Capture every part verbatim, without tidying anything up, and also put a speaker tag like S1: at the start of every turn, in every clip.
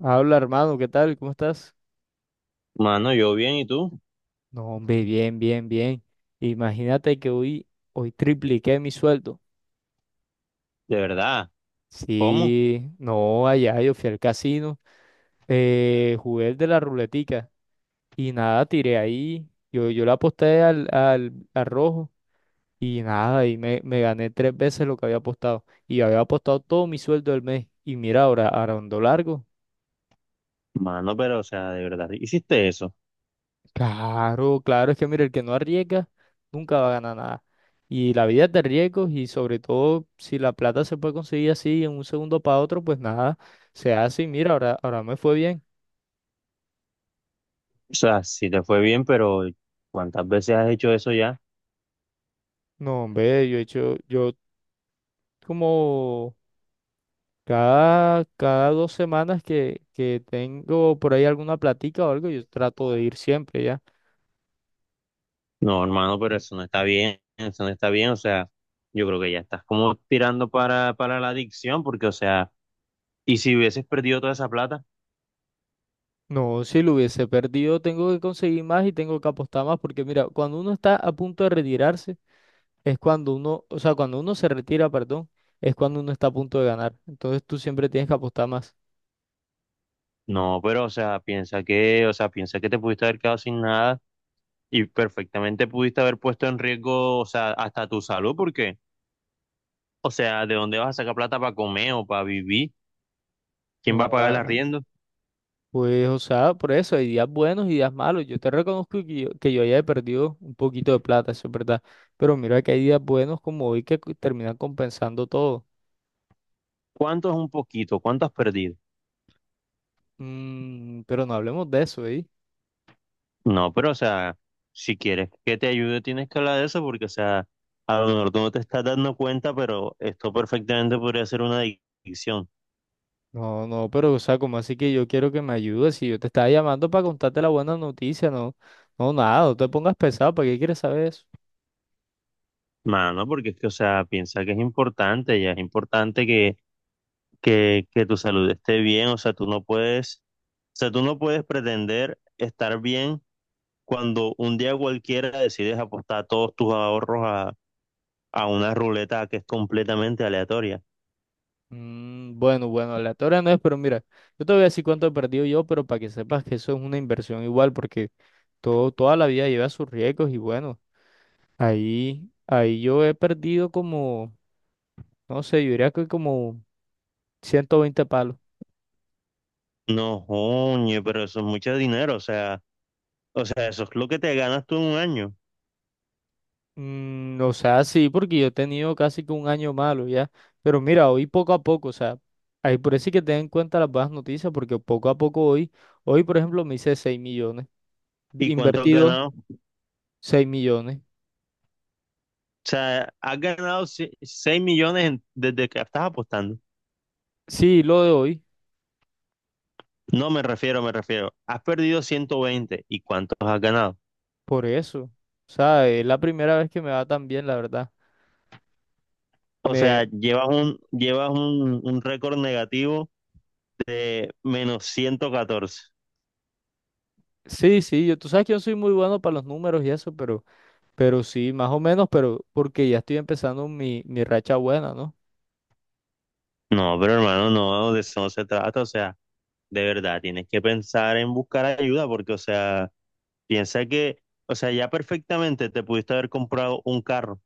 S1: Habla, hermano, ¿qué tal? ¿Cómo estás?
S2: Mano, yo bien, ¿y tú?
S1: No, hombre, bien, bien, bien. Imagínate que hoy, hoy tripliqué mi sueldo.
S2: ¿De verdad? ¿Cómo?
S1: Sí, no, allá yo fui al casino, eh, jugué el de la ruletica y nada, tiré ahí. Yo, yo le aposté al, al, al rojo y nada, y me, me gané tres veces lo que había apostado. Y había apostado todo mi sueldo del mes. Y mira, ahora, ahora ando largo.
S2: Mano, pero, o sea, de verdad, ¿hiciste eso?
S1: Claro, claro, es que mira, el que no arriesga nunca va a ganar. Y la vida es de riesgos y sobre todo si la plata se puede conseguir así en un segundo para otro, pues nada, se hace y mira, ahora, ahora me fue bien.
S2: O sea, sí te fue bien, pero ¿cuántas veces has hecho eso ya?
S1: No, hombre, yo he hecho, yo como cada, cada dos semanas que, que tengo por ahí alguna platica o algo, yo trato de ir siempre ya.
S2: No, hermano, pero eso no está bien, eso no está bien, o sea, yo creo que ya estás como tirando para, para la adicción, porque, o sea, ¿y si hubieses perdido toda esa plata?
S1: No, si lo hubiese perdido, tengo que conseguir más y tengo que apostar más porque mira, cuando uno está a punto de retirarse, es cuando uno, o sea, cuando uno se retira, perdón, es cuando uno está a punto de ganar. Entonces tú siempre tienes que apostar más.
S2: No, pero, o sea, piensa que, o sea, piensa que te pudiste haber quedado sin nada y perfectamente pudiste haber puesto en riesgo, o sea, hasta tu salud, porque, o sea, ¿de dónde vas a sacar plata para comer o para vivir? ¿Quién va
S1: No,
S2: a pagar el
S1: ah,
S2: arriendo?
S1: pues, o sea, por eso hay días buenos y días malos. Yo te reconozco que yo, que yo ya he perdido un poquito de plata, eso es verdad. Pero mira que hay días buenos como hoy que cu- terminan compensando todo.
S2: ¿Cuánto es un poquito? ¿Cuánto has perdido?
S1: Mm, pero no hablemos de eso, ¿eh?
S2: No, pero o sea, si quieres que te ayude, tienes que hablar de eso porque, o sea, a lo mejor tú no te estás dando cuenta, pero esto perfectamente podría ser una adicción.
S1: No, no, pero, o sea, como así que yo quiero que me ayudes? Si yo te estaba llamando para contarte la buena noticia, no, no, nada, no te pongas pesado, ¿para qué quieres saber eso?
S2: Mano, porque es que, o sea, piensa que es importante, ya es importante que que, que tu salud esté bien, o sea, tú no puedes, o sea, tú no puedes pretender estar bien cuando un día cualquiera decides apostar todos tus ahorros a, a una ruleta que es completamente aleatoria.
S1: Mm, bueno, bueno, aleatoria no es, pero mira, yo te voy a decir cuánto he perdido yo, pero para que sepas que eso es una inversión igual, porque. Todo, toda la vida lleva sus riesgos y bueno, ahí, ahí yo he perdido como, no sé, yo diría que como ciento veinte palos.
S2: No, oye, pero eso es mucho dinero, o sea, o sea, eso es lo que te ganas tú en un año.
S1: Mm, o sea, sí, porque yo he tenido casi que un año malo ya. Pero mira, hoy poco a poco, o sea, ahí por eso hay que tener en cuenta las buenas noticias, porque poco a poco hoy, hoy por ejemplo me hice seis millones,
S2: ¿Y cuánto has
S1: invertido
S2: ganado? O
S1: seis millones.
S2: sea, has ganado seis millones en- desde que estás apostando.
S1: Sí, lo de hoy,
S2: No me refiero, Me refiero, has perdido ciento veinte. ¿Y cuántos has ganado?
S1: por eso. O sea, es la primera vez que me va tan bien, la verdad.
S2: O
S1: Me,
S2: sea, llevas un, llevas un, un récord negativo de menos ciento catorce.
S1: sí, sí, yo, tú sabes que yo soy muy bueno para los números y eso, pero Pero sí, más o menos, pero porque ya estoy empezando mi, mi racha buena, ¿no?
S2: No, pero hermano, no, de eso no se trata. O sea, de verdad, tienes que pensar en buscar ayuda porque, o sea, piensa que, o sea, ya perfectamente te pudiste haber comprado un carro.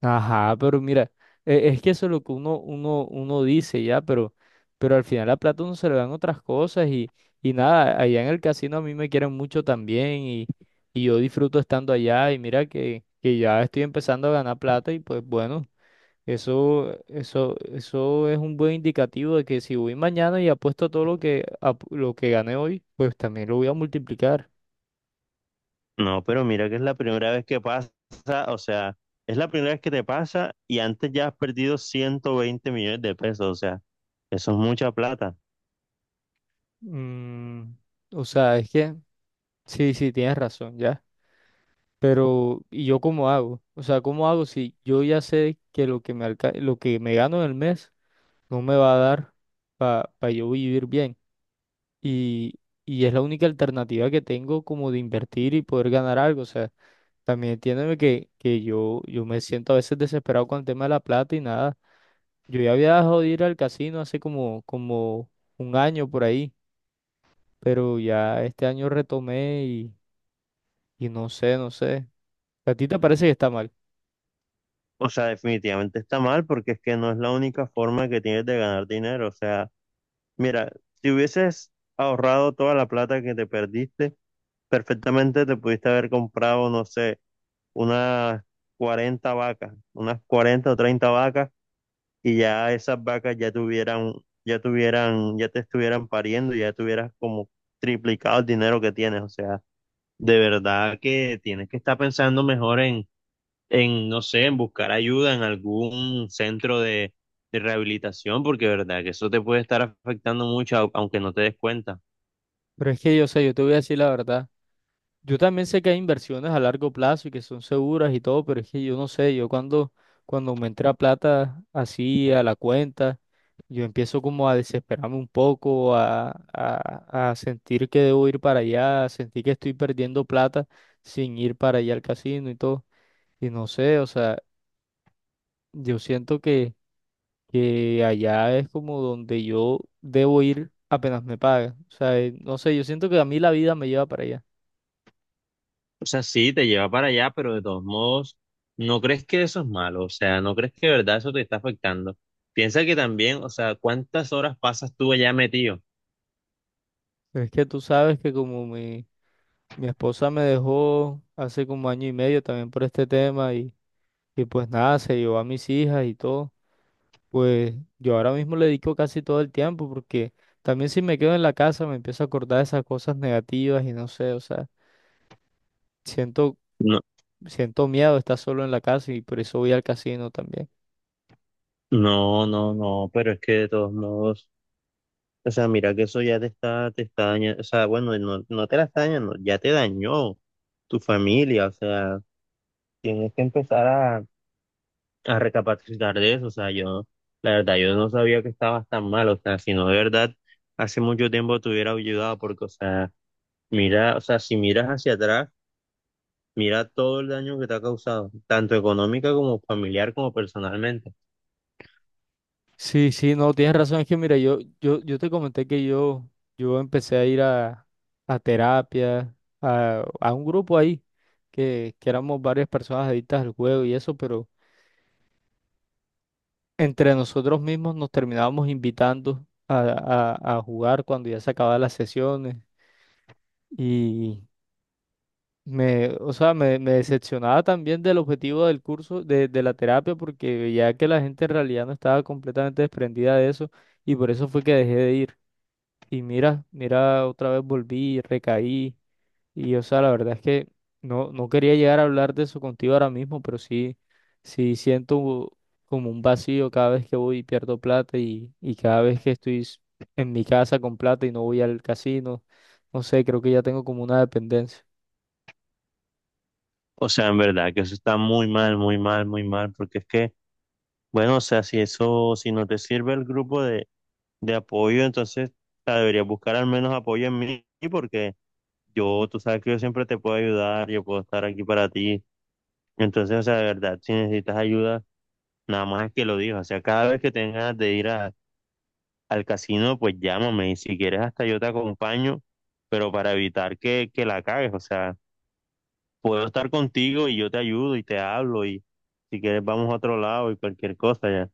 S1: Ajá, pero mira, e- es que eso es lo que uno, uno, uno dice ya, pero, pero al final la plata uno se le dan otras cosas y, y nada, allá en el casino a mí me quieren mucho también y, y yo disfruto estando allá y mira que, que ya estoy empezando a ganar plata y pues bueno, eso, eso, eso es un buen indicativo de que si voy mañana y apuesto todo lo que, ap- lo que gané hoy, pues también lo voy a multiplicar.
S2: No, pero mira que es la primera vez que pasa, o sea, es la primera vez que te pasa y antes ya has perdido ciento veinte millones de pesos. O sea, eso es mucha plata.
S1: Mm, o sea, es que sí, sí, tienes razón, ya. Pero, ¿y yo cómo hago? O sea, ¿cómo hago si yo ya sé que lo que me alca- lo que me gano en el mes no me va a dar para yo vivir bien? Y, y es la única alternativa que tengo como de invertir y poder ganar algo. O sea, también entiéndeme que, que yo, yo me siento a veces desesperado con el tema de la plata y nada. Yo ya había dejado de ir al casino hace como, como un año por ahí, pero ya este año retomé. Y no sé, no sé. A ti te parece que está mal.
S2: O sea, definitivamente está mal porque es que no es la única forma que tienes de ganar dinero. O sea, mira, si hubieses ahorrado toda la plata que te perdiste, perfectamente te pudiste haber comprado, no sé, unas cuarenta vacas, unas cuarenta o treinta vacas y ya esas vacas ya tuvieran, ya tuvieran, ya te estuvieran pariendo y ya tuvieras como triplicado el dinero que tienes. O sea, de verdad que tienes que estar pensando mejor en en, no sé, en buscar ayuda en algún centro de, de rehabilitación, porque de verdad que eso te puede estar afectando mucho, au- aunque no te des cuenta.
S1: Pero es que yo sé, yo te voy a decir la verdad. Yo también sé que hay inversiones a largo plazo y que son seguras y todo, pero es que yo no sé, yo cuando, cuando me entra plata así a la cuenta, yo empiezo como a desesperarme un poco, a, a, a sentir que debo ir para allá, a sentir que estoy perdiendo plata sin ir para allá al casino y todo. Y no sé, o sea, yo siento que que allá es como donde yo debo ir apenas me pagan. O sea, eh, no sé, yo siento que a mí la vida me lleva para allá.
S2: O sea, sí, te lleva para allá, pero de todos modos, ¿no crees que eso es malo? O sea, ¿no crees que de verdad eso te está afectando? Piensa que también, o sea, ¿cuántas horas pasas tú allá metido?
S1: Pero es que tú sabes que como mi, mi esposa me dejó hace como año y medio también por este tema y, y pues nada, se llevó a mis hijas y todo, pues yo ahora mismo le dedico casi todo el tiempo porque también si me quedo en la casa me empiezo a acordar de esas cosas negativas y no sé, o sea, siento,
S2: No,
S1: siento miedo de estar solo en la casa y por eso voy al casino también.
S2: no, no, no, pero es que de todos modos, o sea, mira que eso ya te está, te está dañando, o sea, bueno, no, no te la está dañando, ya te dañó tu familia, o sea, tienes que empezar a a recapacitar de eso, o sea, yo, la verdad, yo no sabía que estabas tan mal, o sea, si no, de verdad, hace mucho tiempo te hubiera ayudado, porque, o sea, mira, o sea, si miras hacia atrás, mira todo el daño que te ha causado, tanto económica como familiar como personalmente.
S1: Sí, sí, no, tienes razón. Es que mira, yo, yo, yo te comenté que yo, yo empecé a ir a, a terapia, a, a un grupo ahí, que, que éramos varias personas adictas al juego y eso, pero entre nosotros mismos nos terminábamos invitando a, a, a jugar cuando ya se acababan las sesiones. Y me, o sea, me, me decepcionaba también del objetivo del curso, de, de la terapia, porque veía que la gente en realidad no estaba completamente desprendida de eso, y por eso fue que dejé de ir. Y mira, mira, otra vez volví, recaí. Y o sea, la verdad es que no, no quería llegar a hablar de eso contigo ahora mismo, pero sí, sí siento como un vacío cada vez que voy y pierdo plata y, y cada vez que estoy s- en mi casa con plata y no voy al casino. No sé, creo que ya tengo como una dependencia.
S2: O sea, en verdad, que eso está muy mal, muy mal, muy mal, porque es que, bueno, o sea, si eso, si no te sirve el grupo de, de apoyo, entonces, o sea, deberías buscar al menos apoyo en mí, porque yo, tú sabes que yo siempre te puedo ayudar, yo puedo estar aquí para ti. Entonces, o sea, de verdad, si necesitas ayuda, nada más es que lo digas. O sea, cada vez que tengas de ir a- al casino, pues llámame y si quieres hasta yo te acompaño, pero para evitar que, que la cagues. O sea, puedo estar contigo y yo te ayudo y te hablo y si quieres vamos a otro lado y cualquier cosa ya.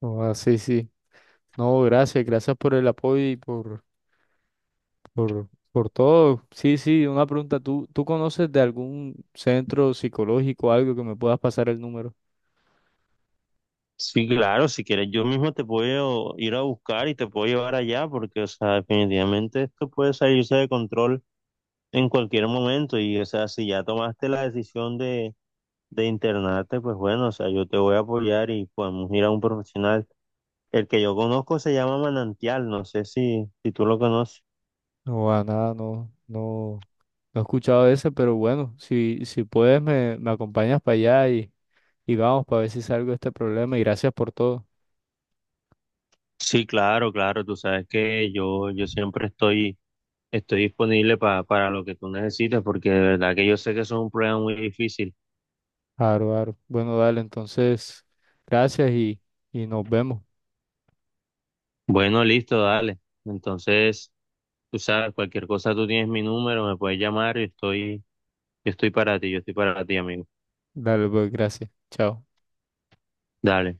S1: Oh, sí, sí. No, gracias, gracias por el apoyo y por, por, por todo. Sí, sí, una pregunta. ¿Tú, tú conoces de algún centro psicológico, algo que me puedas pasar el número?
S2: Sí, claro, si quieres yo mismo te puedo ir a buscar y te puedo llevar allá porque, o sea, definitivamente esto puede salirse de control en cualquier momento y, o sea, si ya tomaste la decisión de de internarte, pues bueno, o sea, yo te voy a apoyar y podemos ir a un profesional. El que yo conozco se llama Manantial, no sé si, si tú lo conoces.
S1: No, a nada, no, no, no he escuchado ese, pero bueno, si, si puedes me, me acompañas para allá y, y vamos para ver si salgo de este problema y gracias por todo.
S2: Sí, claro, claro, tú sabes que yo, yo siempre estoy, estoy disponible pa- para lo que tú necesites, porque de verdad que yo sé que eso es un problema muy difícil.
S1: Aro, aro. Bueno, dale, entonces, gracias y, y nos vemos.
S2: Bueno, listo, dale. Entonces, tú sabes, cualquier cosa tú tienes mi número, me puedes llamar, yo estoy, yo estoy para ti, yo estoy para ti, amigo.
S1: Dale, pues, gracias. Chao.
S2: Dale.